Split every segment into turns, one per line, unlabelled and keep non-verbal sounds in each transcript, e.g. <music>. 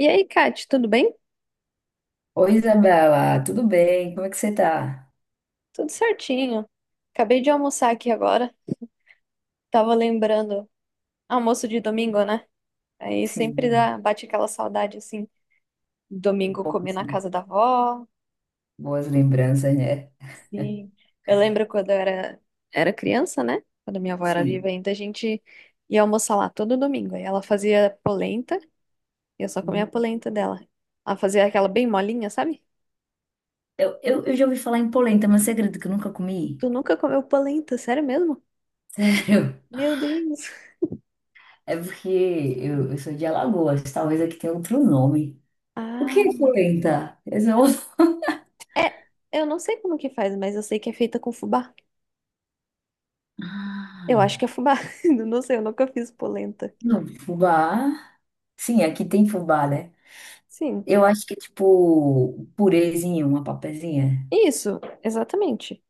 E aí, Kate, tudo bem?
Oi, Isabela, tudo bem? Como é que você tá?
Tudo certinho. Acabei de almoçar aqui agora. Tava lembrando, almoço de domingo, né? Aí sempre
Sim,
dá, bate aquela saudade assim,
um
domingo
pouco
comer na
assim,
casa da avó.
boas lembranças, né? <laughs>
Sim. Eu lembro quando eu era criança, né? Quando minha avó era viva
Sim.
ainda, a gente ia almoçar lá todo domingo. Aí ela fazia polenta, e eu só comia a
Hum.
polenta dela. Ela fazia aquela bem molinha, sabe?
Eu já ouvi falar em polenta, mas você acredita que eu nunca comi?
Tu nunca comeu polenta, sério mesmo?
<laughs> Sério?
Meu Deus.
É porque eu sou de Alagoas, talvez aqui tenha outro nome. O que é
Ah.
polenta? Eu sou-
É, eu não sei como que faz, mas eu sei que é feita com fubá.
<laughs>
Eu acho
Ah,
que é fubá. <laughs> Eu não sei, eu nunca fiz polenta.
não, fubá. Sim, aqui tem fubá, né?
Sim.
Eu acho que é tipo purezinho, uma papazinha.
Isso, exatamente.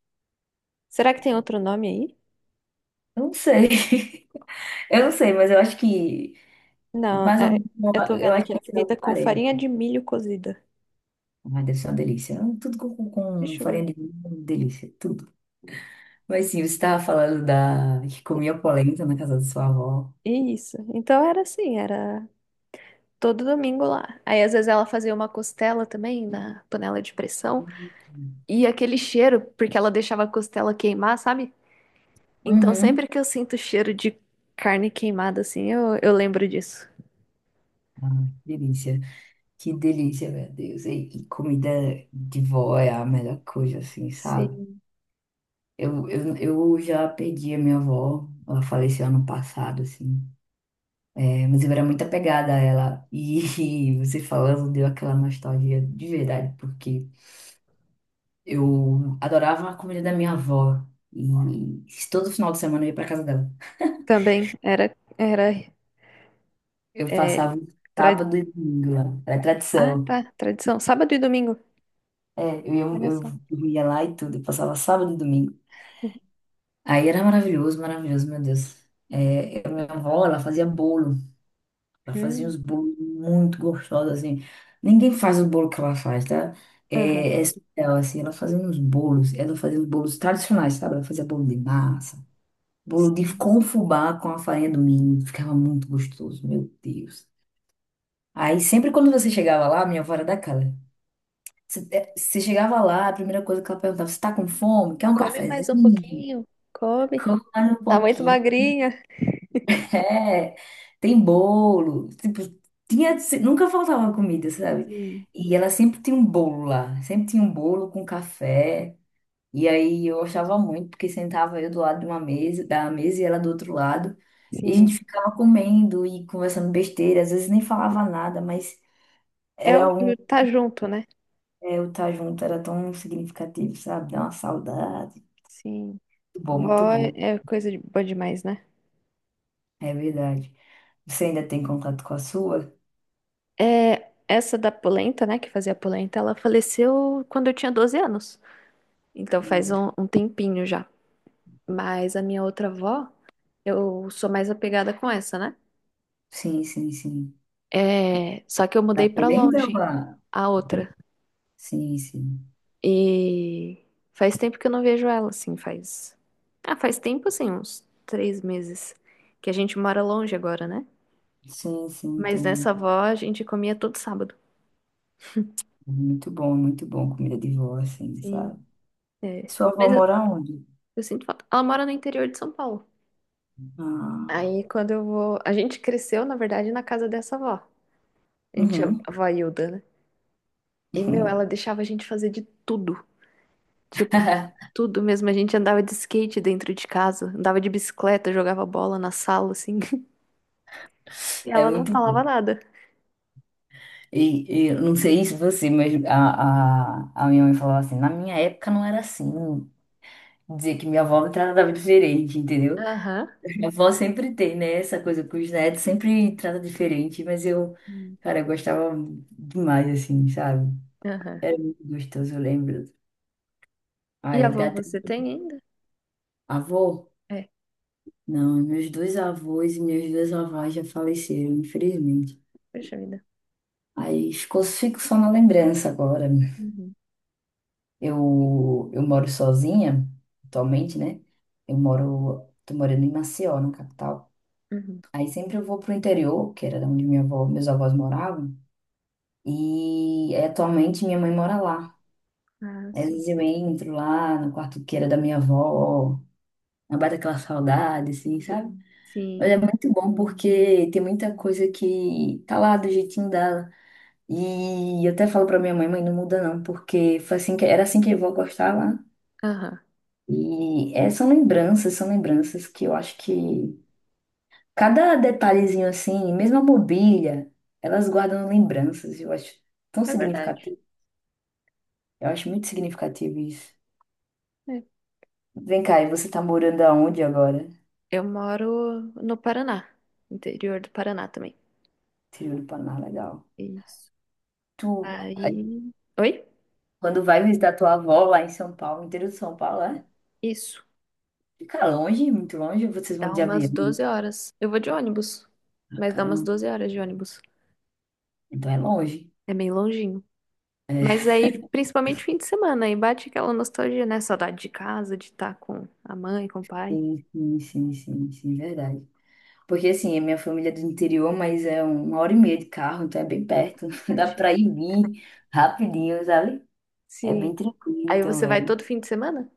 Será que tem outro nome aí?
Eu não sei. <laughs> Eu não sei, mas eu acho que
Não,
mais ou menos,
eu tô
eu
vendo
acho
aqui,
que
é
esse é o
feita com
farelo.
farinha de milho cozida.
Mas deve ser uma delícia. Tudo com, com
Deixa eu ver.
farinha de milho, é uma delícia, tudo. Mas sim, você estava falando da que comia polenta na casa da sua avó.
Isso. Então era assim, era todo domingo lá. Aí às vezes ela fazia uma costela também na panela de pressão.
Uhum.
E aquele cheiro, porque ela deixava a costela queimar, sabe? Então
Uhum.
sempre que eu sinto cheiro de carne queimada assim, eu lembro disso.
Ah, que delícia. Que delícia, meu Deus. E comida de vó é a melhor coisa, assim, sabe?
Sim,
Eu já perdi a minha avó. Ela faleceu ano passado, assim. É, mas eu era muito apegada a ela. E, <laughs> você falando deu aquela nostalgia de verdade, porque eu adorava a comida da minha avó. E todo final de semana eu ia pra casa dela.
também era
Eu
é,
passava
tra-
sábado e domingo lá. Era
ah,
tradição.
tá, tradição. Sábado e domingo.
É, eu ia,
Olha
eu
só.
dormia lá e tudo. Eu passava sábado e domingo. Aí era maravilhoso, maravilhoso, meu Deus. É, a minha avó, ela fazia bolo. Ela fazia
Hum,
uns bolos muito gostosos, assim. Ninguém faz o bolo que ela faz, tá?
aham,
É, é surreal, assim. Ela fazia uns bolos. Ela fazia uns bolos tradicionais, sabe? Ela fazia bolo de massa. Bolo de
sim.
com fubá com a farinha do milho. Ficava muito gostoso, meu Deus. Aí sempre quando você chegava lá, minha avó era daquela. Você chegava lá, a primeira coisa que ela perguntava, você tá com fome? Quer um
Come mais um
cafezinho?
pouquinho, come.
Come mais um
Tá muito
pouquinho. <laughs>
magrinha.
É, tem bolo. Tipo, tinha, nunca faltava comida, sabe?
Sim,
E ela sempre tinha um bolo lá. Sempre tinha um bolo com café. E aí eu achava muito, porque sentava eu do lado de uma mesa, da mesa e ela do outro lado. E a gente
sim.
ficava comendo e conversando besteira, às vezes nem falava nada, mas
É
era um,
o tá junto, né?
é, o estar junto era tão significativo, sabe? Dá uma saudade.
Sim.
Muito bom, muito
Vó
bom.
é coisa de, boa demais, né?
É verdade. Você ainda tem contato com a sua?
É, essa da polenta, né, que fazia polenta, ela faleceu quando eu tinha 12 anos. Então faz
Hum.
um tempinho já. Mas a minha outra avó, eu sou mais apegada com essa, né?
Sim, sim, sim.
É, só que eu
Da
mudei pra
polenta ou
longe,
a...
a outra.
Sim, sim.
E faz tempo que eu não vejo ela, assim, faz. Ah, faz tempo, assim, uns 3 meses. Que a gente mora longe agora, né?
Sim, sim,
Mas
entendi.
nessa avó a gente comia todo sábado.
Muito bom comida de vó, assim,
Sim,
sabe?
é.
Sua avó
Mas
mora onde?
eu sinto falta. Ela mora no interior de São Paulo.
Ah.
Aí quando eu vou. A gente cresceu, na verdade, na casa dessa avó. A gente chama
Uhum.
avó Hilda, né? E, meu, ela
<laughs>
deixava a gente fazer de tudo. Tipo, tudo mesmo. A gente andava de skate dentro de casa, andava de bicicleta, jogava bola na sala, assim. <laughs> E
É
ela não
muito
falava
bom.
nada.
E eu não sei se você, mas a minha mãe falava assim, na minha época não era assim. Dizer que minha avó me tratava diferente, entendeu?
Aham.
Minha avó sempre tem, né? Essa coisa com os netos, sempre trata diferente, mas eu,
Hum.
cara, eu gostava demais, assim, sabe?
Aham.
Era muito gostoso, eu lembro.
E
Aí
avô
dá até...
você tem ainda?
Avô?
É,
Não, meus dois avós e minhas duas avós já faleceram, infelizmente.
poxa vida.
Aí ficou, fico só na lembrança agora.
Uhum.
Eu moro sozinha atualmente, né? Eu moro, tô morando em Maceió, na capital.
Uhum.
Aí sempre eu vou pro interior, que era de onde minha avó, meus avós moravam, e atualmente minha mãe mora lá.
Ah,
Aí, às
sim.
vezes eu entro lá no quarto que era da minha avó, aí bate aquela saudade, assim, sabe? Mas
Sim.
é muito bom porque tem muita coisa que tá lá do jeitinho dela. E eu até falo pra minha mãe, mãe, não muda não, porque foi assim que, era assim que eu vou gostava.
Aham.
E é, são lembranças que eu acho que cada detalhezinho assim, mesmo a mobília, elas guardam lembranças, eu acho tão
É verdade.
significativo. Eu acho muito significativo isso.
É.
Vem cá, e você tá morando aonde agora?
Eu moro no Paraná, interior do Paraná também.
Interior do Paraná, legal.
Isso.
Tu, aí,
Aí. Oi?
quando vai visitar tua avó lá em São Paulo, interior de São Paulo, é?
Isso.
Fica longe, muito longe, ou vocês vão
Dá
de
umas
avião?
12 horas. Eu vou de ônibus,
Ah,
mas dá umas
caramba,
12 horas de ônibus.
então é longe.
É meio longinho. Mas
É,
aí, principalmente fim de semana, aí bate aquela nostalgia, né? Saudade de casa, de estar com a mãe, com o pai.
sim, sim, sim, sim, sim, verdade. Porque assim, a minha família é do interior, mas é uma hora e meia de carro, então é bem perto.
Ah,
<laughs> Dá
pertinho.
pra ir e vir rapidinho, sabe? É
Sim.
bem tranquilo
Aí você vai
também.
todo fim de semana?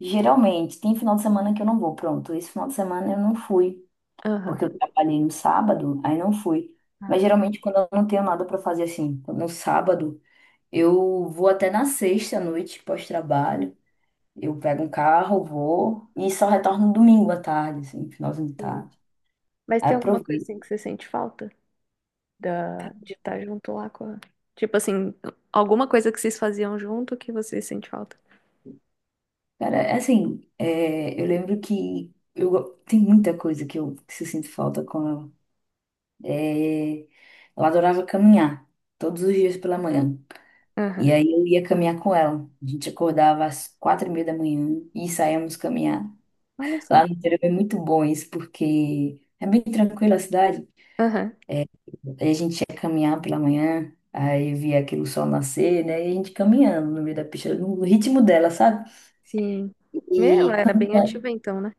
Geralmente, tem final de semana que eu não vou, pronto. Esse final de semana eu não fui,
Aham.
porque eu trabalhei no sábado, aí não fui. Mas
Ah,
geralmente quando eu não tenho nada pra fazer assim, no sábado, eu vou até na sexta à noite pós-trabalho. Eu pego um carro, vou e só retorno no domingo à tarde, assim, finalzinho de
sim.
tarde.
Mas
Aí
tem alguma coisa
aproveito.
assim que você sente falta da... de estar junto lá com a... Tipo assim, alguma coisa que vocês faziam junto que você sente falta?
Cara, é assim, é, eu lembro que eu, tem muita coisa que eu sinto falta com ela. É, eu adorava caminhar, todos os dias pela manhã.
Aham.
E aí eu ia caminhar com ela. A gente acordava às quatro e meia da manhã e saíamos caminhar.
Olha só.
Lá no interior é muito bom isso, porque é bem tranquila a cidade.
Aham.
Aí a gente ia caminhar pela manhã, aí via aquele sol nascer, né? E a gente caminhando no meio da pista, no ritmo dela, sabe?
Sim. Meu,
E
ela era bem
quando
ativa então, né?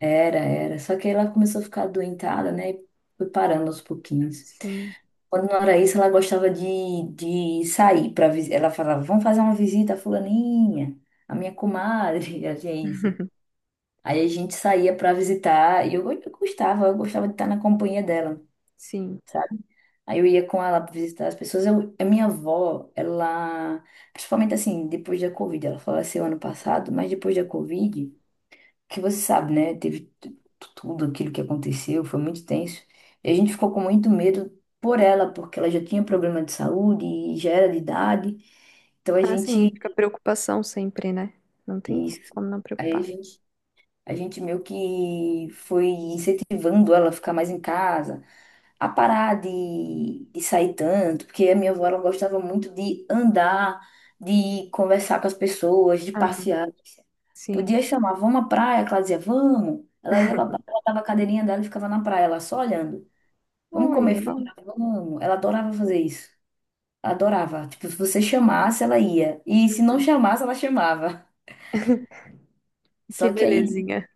Era. Só que ela começou a ficar adoentada, né? E foi parando aos pouquinhos.
Sim.
Quando não era isso, ela gostava de sair para visita. Ela falava, vamos fazer uma visita à fulaninha, a minha comadre, <laughs> assim, é isso. Aí a gente saía para visitar e eu gostava de estar na companhia dela,
Sim.
sabe? Aí eu ia com ela para visitar as pessoas. Eu, a minha avó, ela, principalmente assim, depois da Covid, ela faleceu ano passado, mas depois da Covid que você sabe, né? Teve tudo aquilo que aconteceu, foi muito tenso. E a gente ficou com muito medo por ela, porque ela já tinha problema de saúde e já era de idade. Então a
Ah, sim.
gente,
Fica preocupação sempre, né? Não tem
isso,
como não
aí
preocupar.
a gente meio que foi incentivando ela a ficar mais em casa, a parar de sair tanto, porque a minha avó ela gostava muito de andar, de conversar com as pessoas, de passear.
Sim.
Podia chamar, vamos à praia, que ela dizia, vamos. Ela ia pra praia, ela dava a cadeirinha dela e ficava na praia, ela só olhando. Vamos
Oi,
comer
é bom.
fora? Vamos. Ela adorava fazer isso. Ela adorava. Tipo, se você chamasse, ela ia. E se não
Uhum.
chamasse, ela chamava. <laughs>
Que
Só que aí,
belezinha.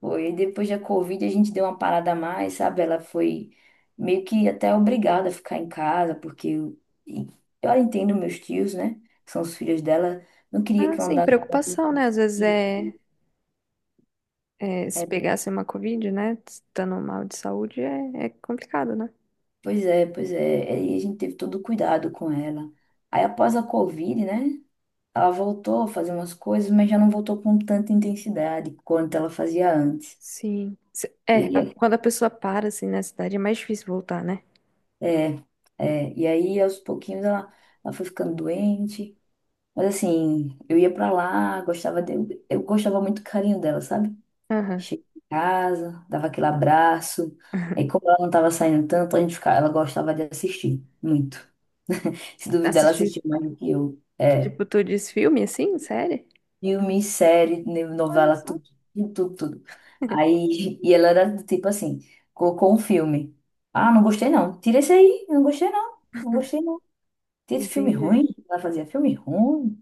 foi, depois da Covid, a gente deu uma parada a mais, sabe? Ela foi meio que até obrigada a ficar em casa, porque eu entendo meus tios, né? São os filhos dela. Não queria
Ah,
que eu
sem
andasse
preocupação, né? Às vezes
com
é,
isso.
é se pegasse uma Covid, né? Estando mal de saúde, é, é complicado, né?
Pois é, pois é. Aí a gente teve todo o cuidado com ela. Aí após a Covid, né? Ela voltou a fazer umas coisas, mas já não voltou com tanta intensidade quanto ela fazia antes.
Sim.
E
É,
aí,
quando a pessoa para, assim, na cidade, é mais difícil voltar, né?
é, e aí aos pouquinhos ela, ela foi ficando doente. Mas assim, eu ia pra lá, gostava de, eu gostava muito do carinho dela, sabe?
Aham.
Chegava em casa, dava aquele abraço. Aí como ela não tava saindo tanto, a gente ficava, ela gostava de assistir muito. Se duvidar, ela
Assistir,
assistia mais do que eu. É.
tipo, tu diz filme, assim, série?
Filme, série,
Olha
novela,
só.
tudo, tudo, tudo. Aí, <laughs> e ela era do tipo assim, colocou um filme. Ah, não gostei não. Tira esse aí, não gostei não. Não gostei não. Tira esse filme
Entendi.
ruim. Ela fazia filme ruim.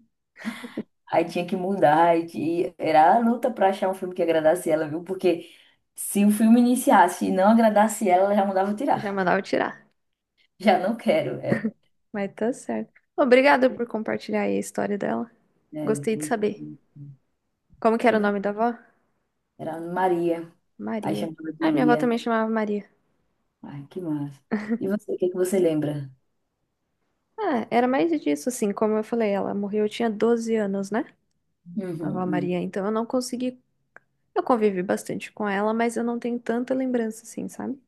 Aí tinha que mudar. E era a luta pra achar um filme que agradasse ela, viu? Porque se o filme iniciasse e não agradasse ela, ela já mandava
Já
tirar.
mandava tirar.
<laughs> Já não quero. É,
Mas tá certo. Obrigada por compartilhar aí a história dela.
é,
Gostei de
muito
saber.
ruim.
Como que era
E
o nome da
você?
avó?
Era Maria. Aí
Maria.
chamava de
Ah, minha avó
Lia.
também chamava Maria.
Ai, que massa. E você, o que que você lembra?
Ah, era mais disso, assim, como eu falei, ela morreu, eu tinha 12 anos, né?
Uhum,
A avó
uhum.
Maria, então eu não consegui. Eu convivi bastante com ela, mas eu não tenho tanta lembrança, assim, sabe?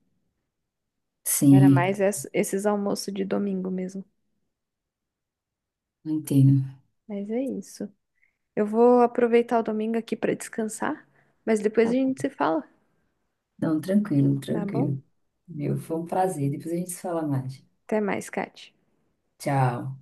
Era
Sim,
mais esses almoços de domingo mesmo.
entendo.
Mas é isso. Eu vou aproveitar o domingo aqui pra descansar, mas depois a
Tá-
gente se fala,
Não, tranquilo,
tá bom?
tranquilo. Meu, foi um prazer. Depois a gente se fala mais.
Até mais, Kate.
Tchau.